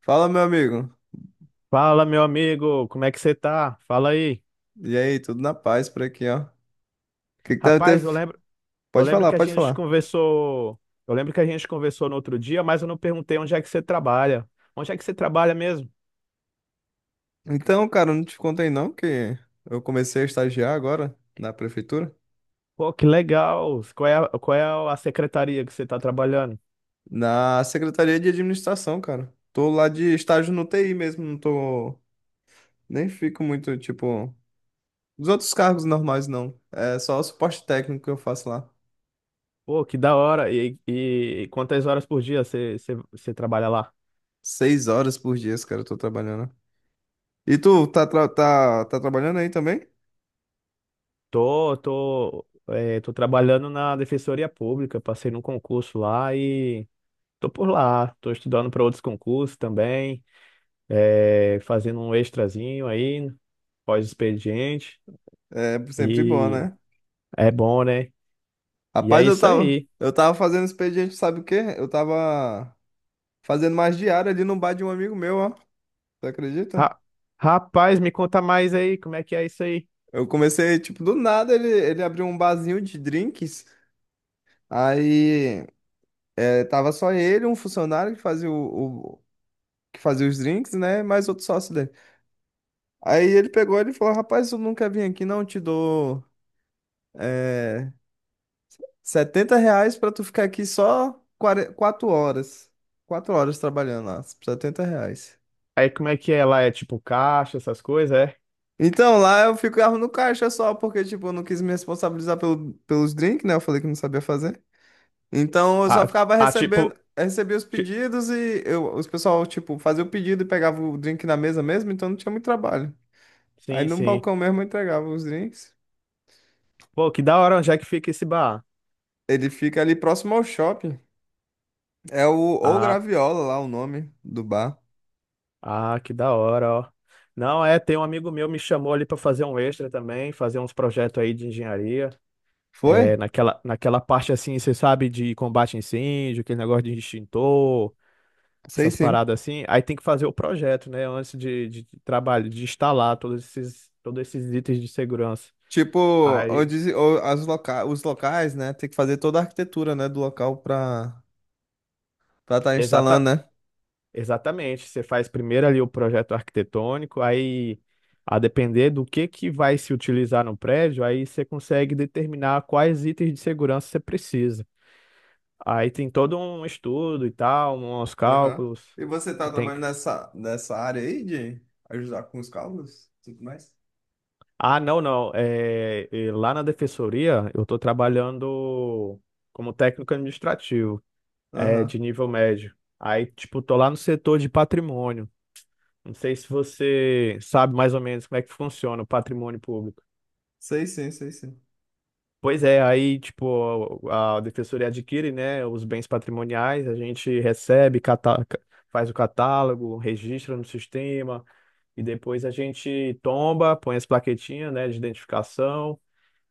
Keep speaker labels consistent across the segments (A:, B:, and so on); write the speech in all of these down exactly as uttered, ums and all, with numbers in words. A: Fala, meu amigo.
B: Fala, meu amigo, como é que você tá? Fala aí.
A: E aí, tudo na paz por aqui, ó. O que que tá até...
B: Rapaz, eu lembro, eu
A: Pode
B: lembro
A: falar,
B: que a
A: pode
B: gente
A: falar.
B: conversou, eu lembro que a gente conversou no outro dia, mas eu não perguntei onde é que você trabalha. Onde é que você trabalha mesmo?
A: Então, cara, eu não te contei não que eu comecei a estagiar agora na prefeitura,
B: Pô, que legal. Qual é, a- qual é a secretaria que você tá trabalhando?
A: na Secretaria de Administração, cara. Tô lá de estágio no T I mesmo, não tô nem fico muito tipo dos outros cargos normais não. É só o suporte técnico que eu faço lá.
B: Pô, que da hora. E, e quantas horas por dia você, você, você trabalha lá?
A: Seis horas por dia, cara, eu tô trabalhando. E tu tá tra- tá tá trabalhando aí também?
B: Tô, tô, é, tô trabalhando na Defensoria Pública, passei num concurso lá e tô por lá. Tô estudando para outros concursos também. é, fazendo um extrazinho aí, pós-expediente.
A: É sempre bom,
B: E
A: né?
B: é bom, né? E é
A: Rapaz, eu
B: isso
A: tava,
B: aí.
A: eu tava fazendo expediente, sabe o quê? Eu tava fazendo mais diária ali no bar de um amigo meu, ó. Você acredita?
B: Ra- Rapaz, me conta mais aí, como é que é isso aí?
A: Eu comecei, tipo, do nada ele, ele abriu um barzinho de drinks. Aí é, tava só ele, um funcionário que fazia o, o- que fazia os drinks, né? Mais outro sócio dele. Aí ele pegou ele e falou: Rapaz, tu nunca vim aqui, não? Te dou é, setenta reais pra tu ficar aqui só quatro horas. Quatro horas trabalhando lá, setenta reais.
B: Aí como é que é lá? É tipo caixa, essas coisas, é?
A: Então, lá eu ficava no caixa só, porque, tipo, eu não quis me responsabilizar pelo, pelos drinks, né? Eu falei que não sabia fazer. Então, eu só
B: Ah,
A: ficava
B: ah,
A: recebendo,
B: tipo.
A: recebia os
B: ti-
A: pedidos e eu, os pessoal, tipo, fazia o pedido e pegava o drink na mesa mesmo, então não tinha muito trabalho. Aí
B: Sim,
A: no
B: sim.
A: balcão mesmo eu entregava os drinks.
B: Pô, que da hora, onde é que fica esse bar?
A: Ele fica ali próximo ao shopping. É o O
B: Ah,
A: Graviola lá, o nome do bar.
B: ah, que da hora, ó. Não, é, tem um amigo meu me chamou ali pra fazer um extra também, fazer uns projetos aí de engenharia.
A: Foi?
B: É, naquela, naquela parte assim, você sabe, de combate a incêndio, aquele negócio de extintor,
A: Sei
B: essas
A: sim.
B: paradas assim. Aí tem que fazer o projeto, né? Antes de, de trabalho, de instalar todos esses, todos esses itens de segurança.
A: Tipo,
B: Aí,
A: onde, ou as loca, os locais, né? Tem que fazer toda a arquitetura, né, do local pra estar tá
B: exata,
A: instalando, né?
B: exatamente. Você faz primeiro ali o projeto arquitetônico, aí, a depender do que que vai se utilizar no prédio, aí você consegue determinar quais itens de segurança você precisa. Aí tem todo um estudo e tal, uns
A: Aham.
B: cálculos.
A: E você tá
B: Tem,
A: trabalhando nessa, nessa área aí de ajudar com os cálculos e tudo mais?
B: ah, não, não. É, e lá na defensoria, eu estou trabalhando como técnico administrativo, é, de
A: Aham.
B: nível médio. Aí, tipo, tô lá no setor de patrimônio. Não sei se você sabe mais ou menos como é que funciona o patrimônio público.
A: Sei sim, sei sim.
B: Pois é, aí, tipo, a defensoria adquire, né, os bens patrimoniais, a gente recebe, cata- faz o catálogo, registra no sistema, e depois a gente tomba, põe as plaquetinhas, né, de identificação.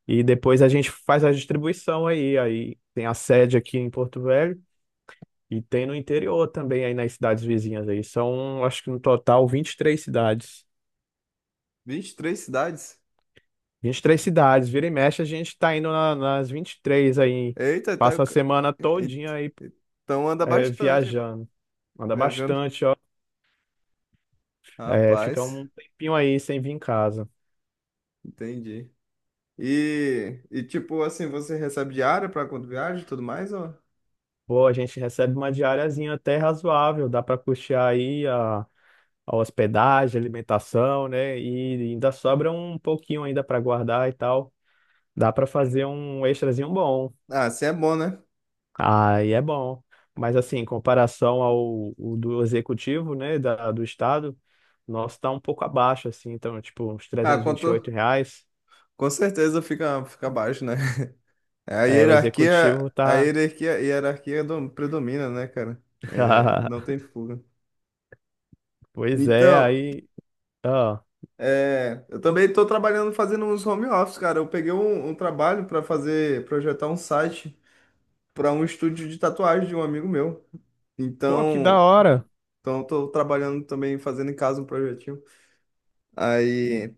B: E depois a gente faz a distribuição aí. Aí tem a sede aqui em Porto Velho e tem no interior também, aí nas cidades vizinhas aí. São, acho que no total, vinte e três cidades.
A: Vinte e três cidades?
B: Vinte e três cidades. Vira e mexe, a gente tá indo na, nas vinte e três aí.
A: Eita, tá.
B: Passa a semana
A: Eita,
B: todinha aí,
A: então anda
B: é,
A: bastante aí, pra-
B: viajando. Anda
A: viajando.
B: bastante, ó. É, fica
A: Rapaz,
B: um tempinho aí sem vir em casa.
A: entendi. E, e tipo assim, você recebe diária pra quando viaja e tudo mais? Ou?
B: Pô, a gente recebe uma diariazinha até razoável. Dá pra custear aí a a hospedagem, alimentação, né? E ainda sobra um pouquinho ainda para guardar e tal. Dá para fazer um extrazinho bom.
A: Ah, assim é bom, né?
B: Aí é bom. Mas assim, em comparação ao o do executivo, né, da, do estado, nosso tá um pouco abaixo assim, então tipo uns
A: Ah,
B: trezentos e e vinte e oito
A: quanto,
B: reais.
A: com certeza fica, fica baixo, né? A
B: É, o
A: hierarquia,
B: executivo
A: a
B: tá
A: hierarquia, hierarquia dom- predomina, né, cara? É, não tem fuga.
B: Pois é,
A: Então,
B: aí, ó.
A: é, eu também estou trabalhando fazendo uns home office, cara. Eu peguei um, um trabalho para fazer, projetar um site para um estúdio de tatuagem de um amigo meu.
B: Pô, que da
A: Então,
B: hora.
A: então estou trabalhando também fazendo em casa um projetinho. Aí,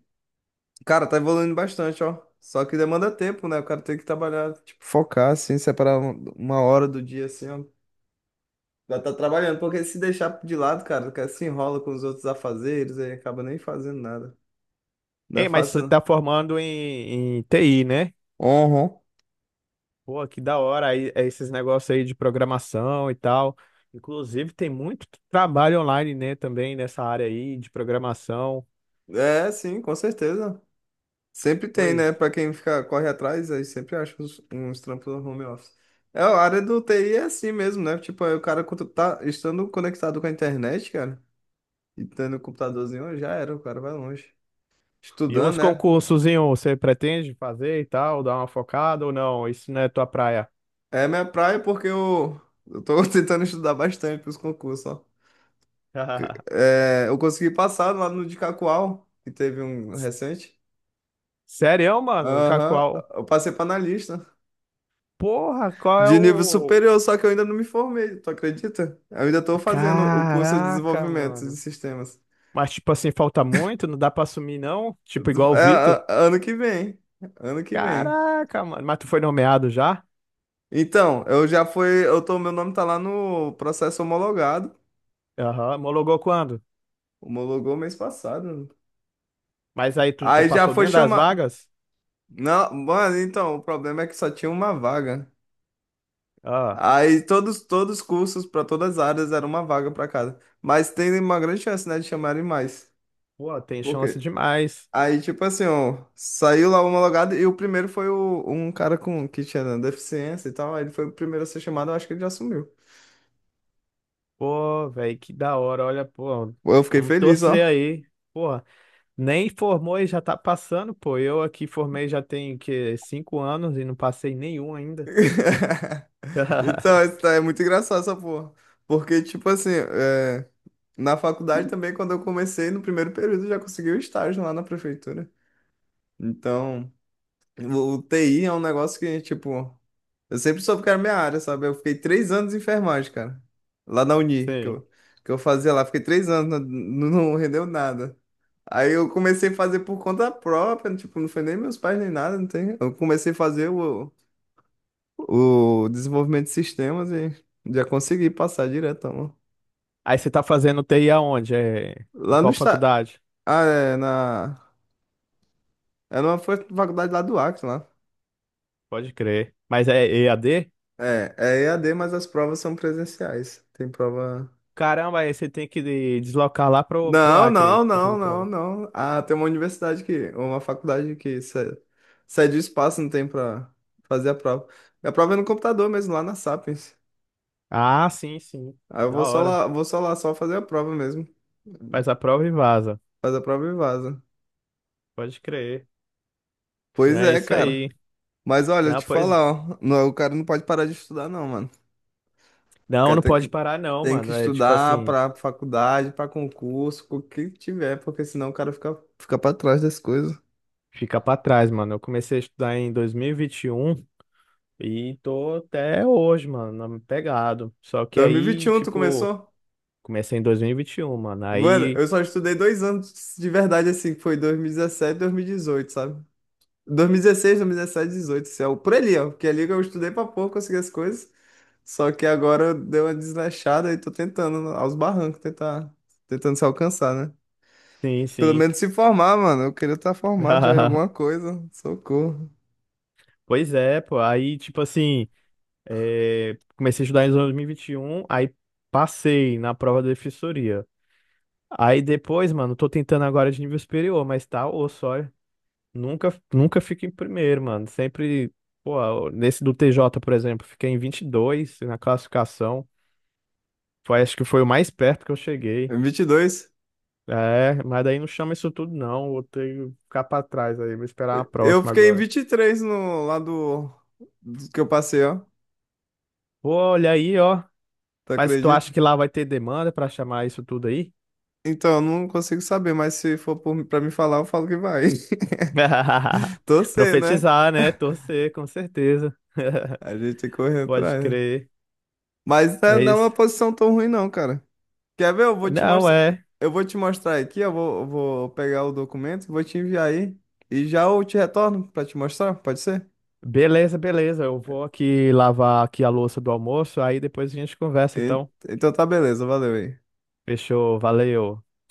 A: cara, tá evoluindo bastante, ó. Só que demanda tempo, né? O cara tem que trabalhar, tipo, focar, assim, separar um- uma hora do dia, assim, ó. Já tá trabalhando, porque se deixar de lado, cara, que se enrola com os outros afazeres aí acaba nem fazendo nada. Não é
B: Ei, mas você tá
A: fácil.
B: formando em, em T I, né?
A: Uhum.
B: Pô, que da hora aí, é esses negócios aí de programação e tal. Inclusive, tem muito trabalho online, né, também nessa área aí de programação.
A: Não. É, sim, com certeza. Sempre tem, né?
B: Pois.
A: Pra quem fica, corre atrás, aí sempre acha uns, uns trampos no home office. É, a área do T I é assim mesmo, né? Tipo, aí o cara quando tá estando conectado com a internet, cara, e tendo um computadorzinho, já era, o cara vai longe.
B: E
A: Estudando,
B: os
A: né?
B: concursos, hein, ô, você pretende fazer e tal, dar uma focada ou não? Isso não é tua praia.
A: É minha praia porque eu, eu tô tentando estudar bastante pros concursos, ó. É, eu consegui passar lá no de Cacoal, que teve um recente.
B: Sério, mano? Em
A: Aham,
B: qual?
A: eu passei para analista.
B: Porra, qual é
A: De nível
B: o.
A: superior, só que eu ainda não me formei, tu acredita? Eu ainda estou fazendo o curso de
B: Caraca,
A: desenvolvimento de
B: mano.
A: sistemas.
B: Mas, tipo assim, falta muito? Não dá pra assumir, não? Tipo, igual o
A: É,
B: Vitor?
A: a- ano que vem, ano que vem.
B: Caraca, mano. Mas tu foi nomeado já?
A: Então, eu já fui, eu tô, meu nome tá lá no processo homologado,
B: Aham. Homologou quando?
A: homologou mês passado.
B: Mas aí tu, tu
A: Aí já
B: passou
A: foi
B: dentro das
A: chamar.
B: vagas?
A: Não, mano, então, o problema é que só tinha uma vaga.
B: Ah,
A: Aí todos, todos os cursos para todas as áreas era uma vaga para cada. Mas tem uma grande chance, né, de chamarem mais.
B: pô, tem
A: Por
B: chance
A: quê?
B: demais.
A: Aí, tipo assim, ó, saiu lá o homologado e o primeiro foi o, um cara com que tinha deficiência e tal. Aí ele foi o primeiro a ser chamado, eu acho que ele já assumiu.
B: Pô, velho, que da hora. Olha, pô,
A: Pô, eu fiquei
B: vamos
A: feliz, ó.
B: torcer aí. Pô, nem formou e já tá passando, pô. Eu aqui formei já tem, que, cinco anos e não passei nenhum ainda.
A: Então, isso tá- é muito engraçado essa porra. Porque, tipo assim, é, na faculdade também, quando eu comecei, no primeiro período, eu já consegui o estágio lá na prefeitura. Então. O, o T I é um negócio que, tipo, eu sempre soube que era minha área, sabe? Eu fiquei três anos em enfermagem, cara. Lá na Uni, que
B: Sim.
A: eu, que eu fazia lá. Fiquei três anos, não, não rendeu nada. Aí eu comecei a fazer por conta própria, tipo, não foi nem meus pais nem nada, não tem. Eu comecei a fazer o, o desenvolvimento de sistemas e já consegui passar direto, mano.
B: Aí você tá fazendo T I aonde? É, em
A: Lá no
B: qual
A: está,
B: faculdade?
A: ah, é, na, é numa fa- faculdade lá do Acre, lá.
B: Pode crer. Mas é E A D?
A: É, é E A D, mas as provas são presenciais. Tem prova.
B: Caramba, aí você tem que de- deslocar lá pro, pro
A: Não,
B: Acre
A: não,
B: pra fazer
A: não, não,
B: prova.
A: não. Ah, tem uma universidade que, uma faculdade que cede, cede o espaço, não tem pra fazer a prova. A prova é no computador mesmo, lá na Sapiens.
B: Ah, sim, sim.
A: Aí eu vou
B: Da
A: só
B: hora.
A: lá, vou só lá só fazer a prova mesmo.
B: Faz a prova e vaza.
A: Faz a prova e vaza.
B: Pode crer. Não,
A: Pois
B: é
A: é,
B: isso
A: cara.
B: aí.
A: Mas olha, eu
B: Não,
A: te
B: pois.
A: falar, ó, não, o cara não pode parar de estudar, não, mano. O
B: Não,
A: cara
B: não
A: tem
B: pode
A: que,
B: parar, não,
A: tem que
B: mano. É tipo
A: estudar
B: assim,
A: pra faculdade, pra concurso, com o que tiver, porque senão o cara fica, fica pra trás das coisas.
B: fica pra trás, mano. Eu comecei a estudar em dois mil e vinte e e um e tô até hoje, mano, na- pegado. Só que aí,
A: dois mil e vinte e um, tu
B: tipo,
A: começou?
B: comecei em dois mil e e vinte e um mano.
A: Mano,
B: Aí,
A: eu só estudei dois anos de verdade, assim, que foi dois mil e dezessete, dois mil e dezoito, sabe? dois mil e dezesseis, dois mil e dezessete, dois mil e dezoito, assim, ó, por ali, ó. Porque ali que eu estudei pra pouco, consegui as coisas. Só que agora deu uma desleixada e tô tentando, aos barrancos, tentar, tentando se alcançar, né?
B: sim,
A: Pelo
B: sim.
A: menos se formar, mano. Eu queria estar formado já em alguma coisa. Socorro.
B: Pois é, pô. Aí, tipo assim, é, comecei a estudar em dois mil e e vinte e um aí passei na prova da defensoria. Aí depois, mano, tô tentando agora de nível superior, mas tá osso, ó. Nunca, nunca fico em primeiro, mano. Sempre, pô, nesse do T J, por exemplo, fiquei em vinte e dois na classificação. Foi, acho que foi o mais perto que eu cheguei.
A: Em vinte e dois.
B: É, mas daí não chama isso tudo, não. Vou ter que ficar pra trás aí. Vou esperar a
A: Eu
B: próxima
A: fiquei em
B: agora.
A: vinte e três no lado do do que eu passei, ó.
B: Pô, olha aí, ó.
A: Tu
B: Mas tu acha
A: acredita?
B: que lá vai ter demanda pra chamar isso tudo aí?
A: Então, eu não consigo saber, mas se for por, pra me falar, eu falo que vai. Torcer, né?
B: Profetizar, né? Torcer, com certeza.
A: A gente tem que correr
B: Pode
A: atrás.
B: crer.
A: Mas tá-
B: É
A: não é
B: isso.
A: uma posição tão ruim, não, cara. Quer ver? Eu vou te
B: Não,
A: mostrar.
B: é.
A: Eu vou te mostrar aqui, eu vou, eu vou pegar o documento, vou te enviar aí. E já eu te retorno pra te mostrar, pode ser?
B: Beleza, beleza. Eu vou aqui lavar aqui a louça do almoço, aí depois a gente conversa,
A: E-
B: então.
A: então tá beleza, valeu aí.
B: Fechou, valeu.